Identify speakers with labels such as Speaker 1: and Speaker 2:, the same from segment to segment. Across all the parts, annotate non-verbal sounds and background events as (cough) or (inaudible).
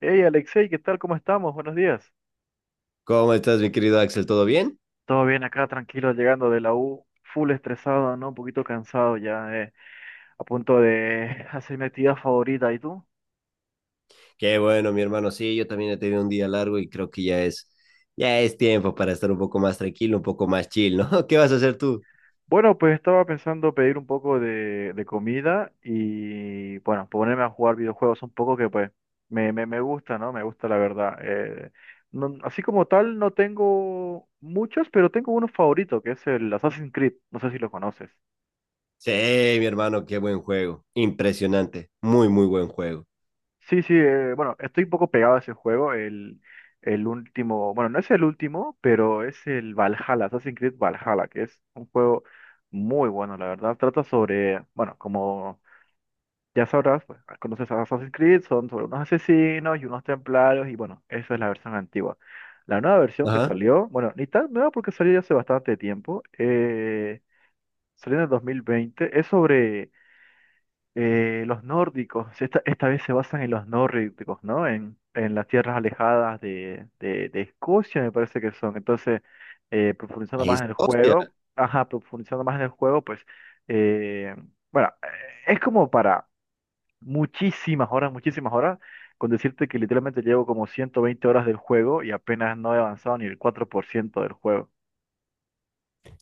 Speaker 1: Hey Alexei, ¿qué tal? ¿Cómo estamos? Buenos días.
Speaker 2: ¿Cómo estás, mi querido Axel? ¿Todo bien?
Speaker 1: Todo bien acá, tranquilo, llegando de la U, full estresado, ¿no? Un poquito cansado ya, a punto de (laughs) hacer mi actividad favorita. ¿Y tú?
Speaker 2: Qué bueno, mi hermano. Sí, yo también he tenido un día largo y creo que ya es tiempo para estar un poco más tranquilo, un poco más chill, ¿no? (laughs) ¿Qué vas a hacer tú?
Speaker 1: Bueno, pues estaba pensando pedir un poco de comida y, bueno, ponerme a jugar videojuegos un poco que, pues, me gusta, ¿no? Me gusta la verdad. No- así como tal, no tengo muchos, pero tengo uno favorito, que es el Assassin's Creed. No sé si lo conoces.
Speaker 2: Sí, mi hermano, qué buen juego. Impresionante. Muy, muy buen juego.
Speaker 1: Sí, sí, bueno, estoy un poco pegado a ese juego, el último, bueno, no es el último, pero es el Valhalla, Assassin's Creed Valhalla, que es un juego muy bueno, la verdad, trata sobre, bueno, como ya sabrás, pues, conoces a Assassin's Creed, son sobre unos asesinos y unos templarios, y bueno, esa es la versión antigua. La nueva versión que
Speaker 2: Ajá.
Speaker 1: salió, bueno, ni tan nueva porque salió ya hace bastante tiempo, salió en el 2020, es sobre los nórdicos, esta vez se basan en los nórdicos, ¿no? En las tierras alejadas de Escocia, me parece que son. Entonces, profundizando más
Speaker 2: Es,
Speaker 1: en el
Speaker 2: hostia.
Speaker 1: juego, ajá, profundizando más en el juego, pues, eh, bueno, es como para muchísimas horas, con decirte que literalmente llevo como 120 horas del juego y apenas no he avanzado ni el 4% del juego.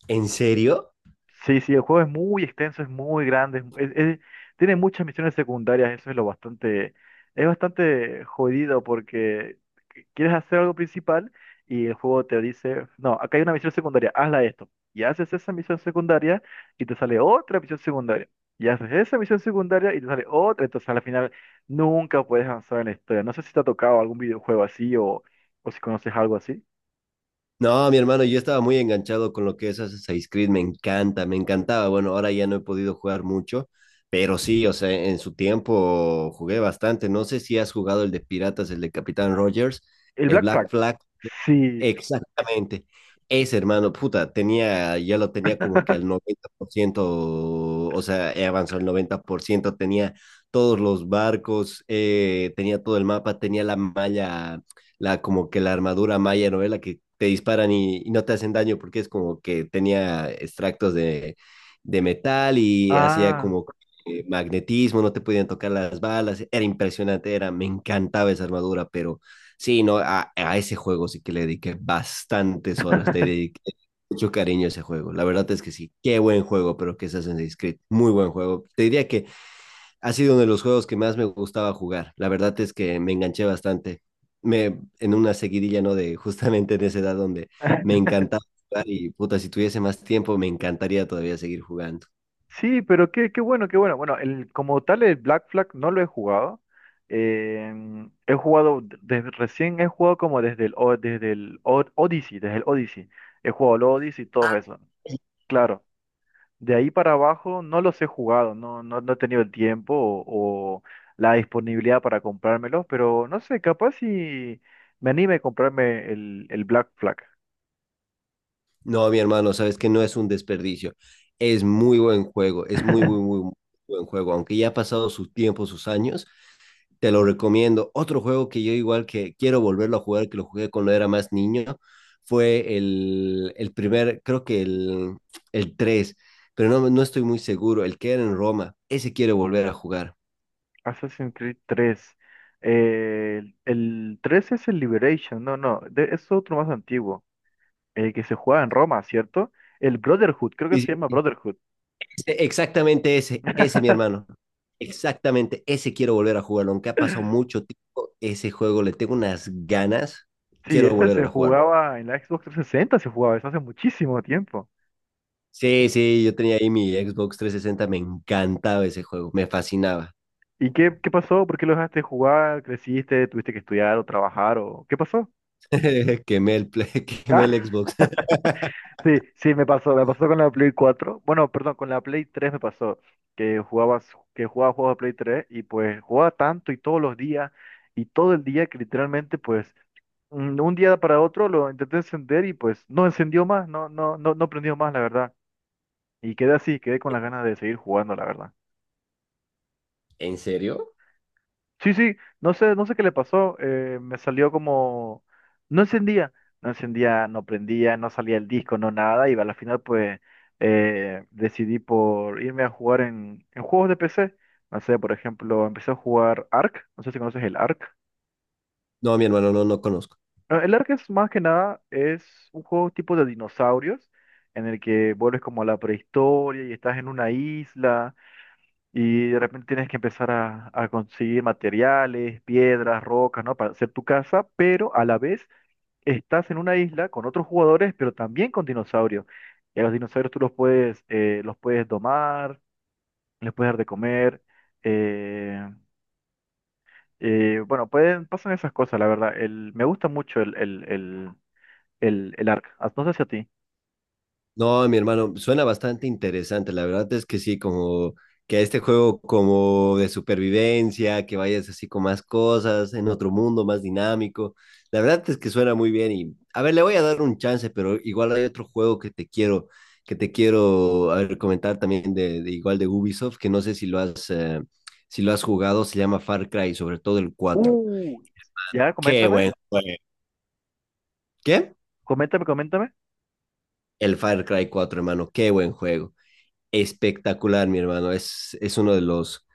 Speaker 2: ¿En serio?
Speaker 1: Sí, sí, el juego es muy extenso, es muy grande, tiene muchas misiones secundarias, eso es lo bastante, es bastante jodido porque quieres hacer algo principal y el juego te dice, no, acá hay una misión secundaria, hazla esto. Y haces esa misión secundaria y te sale otra misión secundaria. Y haces esa misión secundaria y te sale otra, entonces al final nunca puedes avanzar en la historia. No sé si te ha tocado algún videojuego o si conoces algo así.
Speaker 2: No, mi hermano, yo estaba muy enganchado con lo que es Assassin's Creed, me encanta, me encantaba. Bueno, ahora ya no he podido jugar mucho, pero sí, o sea, en su tiempo jugué bastante. No sé si has jugado el de Piratas, el de Capitán Rogers,
Speaker 1: El
Speaker 2: el
Speaker 1: Black Flag.
Speaker 2: Black Flag.
Speaker 1: Sí.
Speaker 2: Exactamente. Ese hermano, puta, tenía, ya lo tenía como que al
Speaker 1: (laughs)
Speaker 2: 90%, o sea, he avanzado al 90%, tenía todos los barcos, tenía todo el mapa, tenía la malla la como que la armadura maya, ¿no? La que te disparan y no te hacen daño porque es como que tenía extractos de metal y hacía
Speaker 1: Ah.
Speaker 2: como magnetismo, no te podían tocar las balas, era impresionante, era, me encantaba esa armadura, pero sí, no, a ese juego sí que le dediqué bastantes horas, te dediqué
Speaker 1: (laughs)
Speaker 2: mucho cariño a ese juego, la verdad es que sí, qué buen juego, pero que se hacen Creed, muy buen juego, te diría que ha sido uno de los juegos que más me gustaba jugar. La verdad es que me enganché bastante. Me, en una seguidilla, ¿no? De justamente en esa edad donde me encantaba jugar y puta, si tuviese más tiempo me encantaría todavía seguir jugando.
Speaker 1: Sí, pero qué, qué bueno, qué bueno. Bueno, el, como tal el Black Flag no lo he jugado. He jugado, desde, recién he jugado como desde desde Odyssey, desde el Odyssey. He jugado el Odyssey y todo eso. Claro, de ahí para abajo no los he jugado, no, no, no he tenido el tiempo o la disponibilidad para comprármelos, pero no sé, capaz si me anime a comprarme el Black Flag.
Speaker 2: No, mi hermano, sabes que no es un desperdicio. Es muy buen juego, es muy, muy,
Speaker 1: (laughs)
Speaker 2: muy buen juego. Aunque ya ha pasado su tiempo, sus años, te lo recomiendo. Otro juego que yo igual que quiero volverlo a jugar, que lo jugué cuando era más niño, fue el primer, creo que el 3 pero no, no estoy muy seguro, el que era en Roma, ese quiero volver a jugar.
Speaker 1: Assassin's Creed tres. El 3 es el Liberation, no, no, es otro más antiguo, el que se jugaba en Roma, ¿cierto? El Brotherhood, creo que se
Speaker 2: Y-
Speaker 1: llama Brotherhood.
Speaker 2: Ese- exactamente ese, ese mi hermano,
Speaker 1: (laughs)
Speaker 2: exactamente ese quiero volver a jugarlo, aunque ha pasado mucho tiempo, ese juego le tengo unas ganas,
Speaker 1: Sí,
Speaker 2: quiero
Speaker 1: ese se
Speaker 2: volver a jugarlo.
Speaker 1: jugaba en la Xbox 360, se jugaba eso hace muchísimo tiempo.
Speaker 2: Sí, sí, yo tenía ahí mi Xbox 360 me encantaba ese juego, me fascinaba.
Speaker 1: ¿Y qué, qué pasó? ¿Por qué lo dejaste de jugar? ¿Creciste? ¿Tuviste que estudiar o trabajar? ¿O qué pasó?
Speaker 2: (laughs) Quemé el, Play- (laughs) quemé el
Speaker 1: (laughs)
Speaker 2: Xbox.
Speaker 1: Sí, sí, me pasó con la Play 4. Bueno, perdón, con la Play 3 me pasó que jugabas, que jugaba juegos de Play 3 y pues jugaba tanto y todos los días y todo el día que literalmente pues un día para otro lo intenté encender y pues no encendió más, no, no, no, no prendió más, la verdad. Y quedé así, quedé con las ganas de seguir jugando, la verdad.
Speaker 2: (laughs) ¿En serio?
Speaker 1: Sí, sí, no sé, no sé qué le pasó, me salió no encendía, no encendía, no prendía, no salía el disco, no nada, y a la final pues decidí por irme a jugar en juegos de PC, no sé, por ejemplo, empecé a jugar Ark, no sé si conoces el Ark.
Speaker 2: No, mi hermano, no, no conozco.
Speaker 1: Ah, el Ark es más que nada, es un juego tipo de dinosaurios, en el que vuelves como a la prehistoria y estás en una isla. Y de repente tienes que empezar a conseguir materiales, piedras, rocas, ¿no? Para hacer tu casa, pero a la vez estás en una isla con otros jugadores, pero también con dinosaurios. Y a los dinosaurios tú los puedes domar, les puedes dar de comer. eh, bueno, pueden, pasan esas cosas, la verdad. El, me gusta mucho el Ark. Ah, no sé si a ti.
Speaker 2: No, mi hermano, suena bastante interesante. La verdad es que sí, como que este juego como de supervivencia, que vayas así con más cosas, en otro mundo más dinámico. La verdad es que suena muy bien y, a ver, le voy a dar un chance, pero igual hay otro juego que te quiero, a ver, comentar también de igual de Ubisoft, que no sé si lo has, si lo has jugado, se llama Far Cry, sobre todo el 4.
Speaker 1: Uh, ya,
Speaker 2: Qué
Speaker 1: coméntame,
Speaker 2: bueno. ¿Qué?
Speaker 1: coméntame, coméntame.
Speaker 2: El Far Cry 4, hermano, qué buen juego. Espectacular, mi hermano. Es uno de los...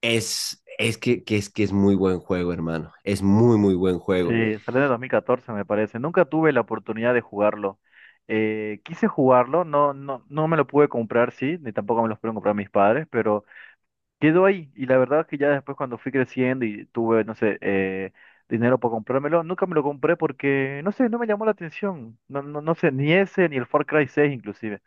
Speaker 2: Es, es que es muy buen juego, hermano. Es muy, muy buen
Speaker 1: Sí,
Speaker 2: juego.
Speaker 1: salió en el 2014 me parece. Nunca tuve la oportunidad de jugarlo. Quise jugarlo, no, no, no me lo pude comprar, sí, ni tampoco me los pudieron comprar mis padres, pero quedó ahí. Y la verdad es que ya después cuando fui creciendo y tuve, no sé, dinero para comprármelo, nunca me lo compré porque, no sé, no me llamó la atención. No, no, no sé, ni ese, ni el Far Cry 6 inclusive.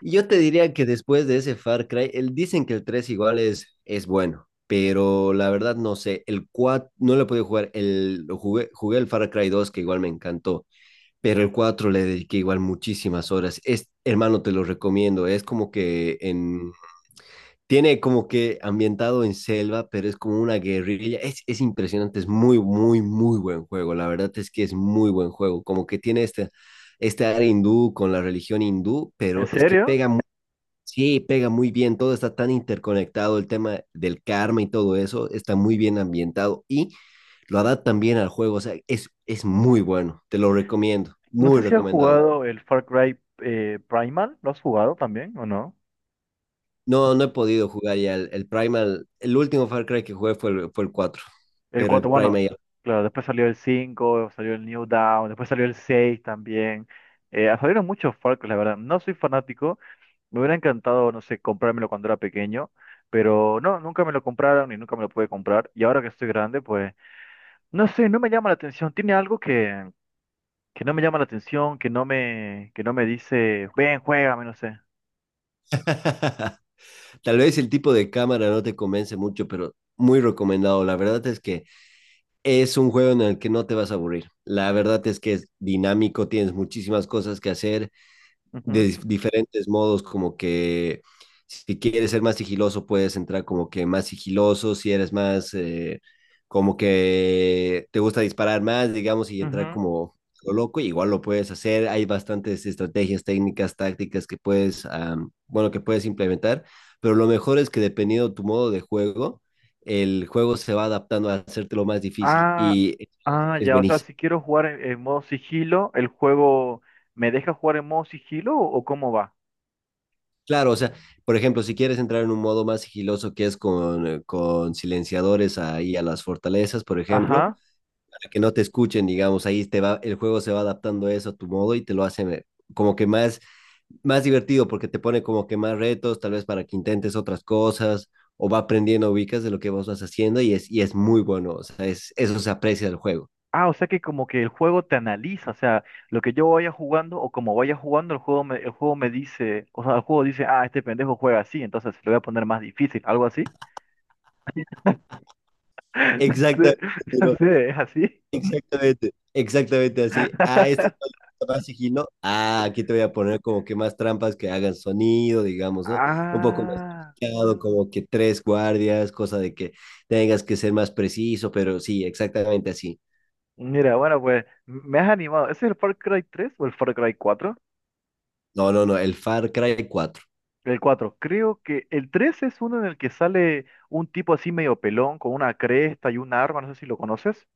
Speaker 2: Y yo te diría que después de ese Far Cry, el, dicen que el 3 igual es bueno, pero la verdad no sé. El 4 no lo pude jugar. El, lo jugué, jugué el Far Cry 2 que igual me encantó, pero el 4 le dediqué igual muchísimas horas. Es, hermano, te lo recomiendo. Es como que en Tiene como que ambientado en selva, pero es como una guerrilla. Es impresionante, es muy, muy, muy buen juego. La verdad es que es muy buen juego. Como que tiene este, este área hindú con la religión hindú,
Speaker 1: ¿En
Speaker 2: pero es que
Speaker 1: serio?
Speaker 2: pega muy, sí, pega muy bien. Todo está tan interconectado, el tema del karma y todo eso está muy bien ambientado y lo adaptan bien al juego. O sea, es muy bueno. Te lo recomiendo,
Speaker 1: No
Speaker 2: muy
Speaker 1: sé si has
Speaker 2: recomendado.
Speaker 1: jugado el Far Cry Primal, ¿lo has jugado también o no?
Speaker 2: No, no he podido jugar ya el Primal. El último Far Cry que jugué fue el 4
Speaker 1: El
Speaker 2: pero el
Speaker 1: 4 bueno,
Speaker 2: Primal ya.
Speaker 1: claro, después salió el cinco, salió el New Dawn, después salió el 6 también. Salieron muchos Far Cry, la verdad. No soy fanático, me hubiera encantado, no sé, comprármelo cuando era pequeño, pero no, nunca me lo compraron y nunca me lo pude comprar. Y ahora que estoy grande, pues, no sé, no me llama la atención. Tiene algo que no me llama la atención, que no me dice, ven, juégame, no sé.
Speaker 2: (laughs) Tal vez el tipo de cámara no te convence mucho, pero muy recomendado. La verdad es que es un juego en el que no te vas a aburrir. La verdad es que es dinámico, tienes muchísimas cosas que hacer
Speaker 1: Ujú,
Speaker 2: de dif- diferentes modos, como que si quieres ser más sigiloso, puedes entrar como que más sigiloso, si eres más, como que te gusta disparar más, digamos, y entrar
Speaker 1: ujú.
Speaker 2: como lo loco, igual lo puedes hacer. Hay bastantes estrategias, técnicas, tácticas que puedes, bueno, que puedes implementar, pero lo mejor es que dependiendo tu modo de juego, el juego se va adaptando a hacértelo más difícil
Speaker 1: Ah,
Speaker 2: y
Speaker 1: ah,
Speaker 2: es
Speaker 1: ya, o sea,
Speaker 2: buenísimo.
Speaker 1: si quiero jugar en modo sigilo, ¿el juego me deja jugar en modo sigilo o cómo va?
Speaker 2: Claro, o sea, por ejemplo, si quieres entrar en un modo más sigiloso que es con silenciadores ahí a las fortalezas, por ejemplo,
Speaker 1: Ajá.
Speaker 2: para que no te escuchen, digamos, ahí te va, el juego se va adaptando a eso a tu modo y te lo hace como que más, más divertido porque te pone como que más retos, tal vez para que intentes otras cosas o va aprendiendo, ubicas de lo que vos vas haciendo y es muy bueno, o sea, es, eso se aprecia del juego.
Speaker 1: Ah, o sea que como que el juego te analiza, o sea, lo que yo vaya jugando o como vaya jugando, el juego me dice, o sea, el juego dice, ah, este pendejo juega así, entonces le voy a poner más difícil, algo así. (laughs) No sé,
Speaker 2: Exactamente.
Speaker 1: no
Speaker 2: Ciro.
Speaker 1: sé, ¿es así?
Speaker 2: Exactamente, exactamente así. Ah, esto
Speaker 1: (laughs)
Speaker 2: es más sigilo. Ah, aquí te voy a poner como que más trampas que hagan sonido, digamos, ¿no? Un poco más
Speaker 1: Ah,
Speaker 2: complicado, como que tres guardias, cosa de que tengas que ser más preciso, pero sí, exactamente así.
Speaker 1: mira, bueno, pues me has animado. ¿Ese es el Far Cry 3 o el Far Cry 4?
Speaker 2: No, no, no, el Far Cry cuatro
Speaker 1: El cuatro. Creo que el 3 es uno en el que sale un tipo así medio pelón con una cresta y un arma, no sé si lo conoces.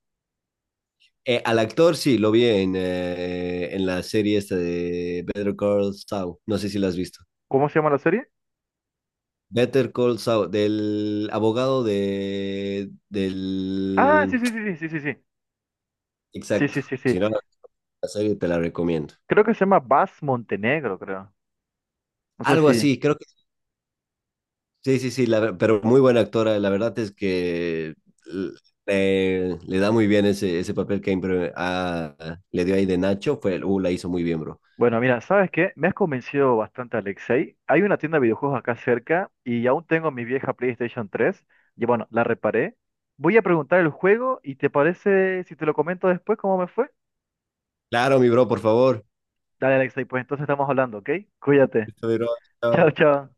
Speaker 2: Al actor sí, lo vi en la serie esta de Better Call Saul. No sé si la has visto.
Speaker 1: ¿Cómo se llama la serie?
Speaker 2: Better Call Saul, del abogado de,
Speaker 1: Ah,
Speaker 2: del...
Speaker 1: sí, sí, sí, sí, sí, sí, sí. Sí,
Speaker 2: Exacto.
Speaker 1: sí, sí,
Speaker 2: Si
Speaker 1: sí.
Speaker 2: no, la serie te la recomiendo.
Speaker 1: Creo que se llama Bas Montenegro, creo. No sé
Speaker 2: Algo
Speaker 1: si.
Speaker 2: así, creo que sí, sí, sí, la ver- pero muy buena actora. La verdad es que l- le da muy bien ese, ese papel que impre- ah, le dio ahí de Nacho. Fue, la hizo muy bien, bro.
Speaker 1: Bueno, mira, ¿sabes qué? Me has convencido bastante, Alexei. Hay una tienda de videojuegos acá cerca y aún tengo mi vieja PlayStation 3. Y bueno, la reparé. Voy a preguntar el juego y ¿te parece si te lo comento después cómo me fue?
Speaker 2: Claro, mi bro, por favor.
Speaker 1: Dale, Alexei, pues entonces estamos hablando, ¿ok? Cuídate.
Speaker 2: Listo, mi bro, chao.
Speaker 1: Chao, chao.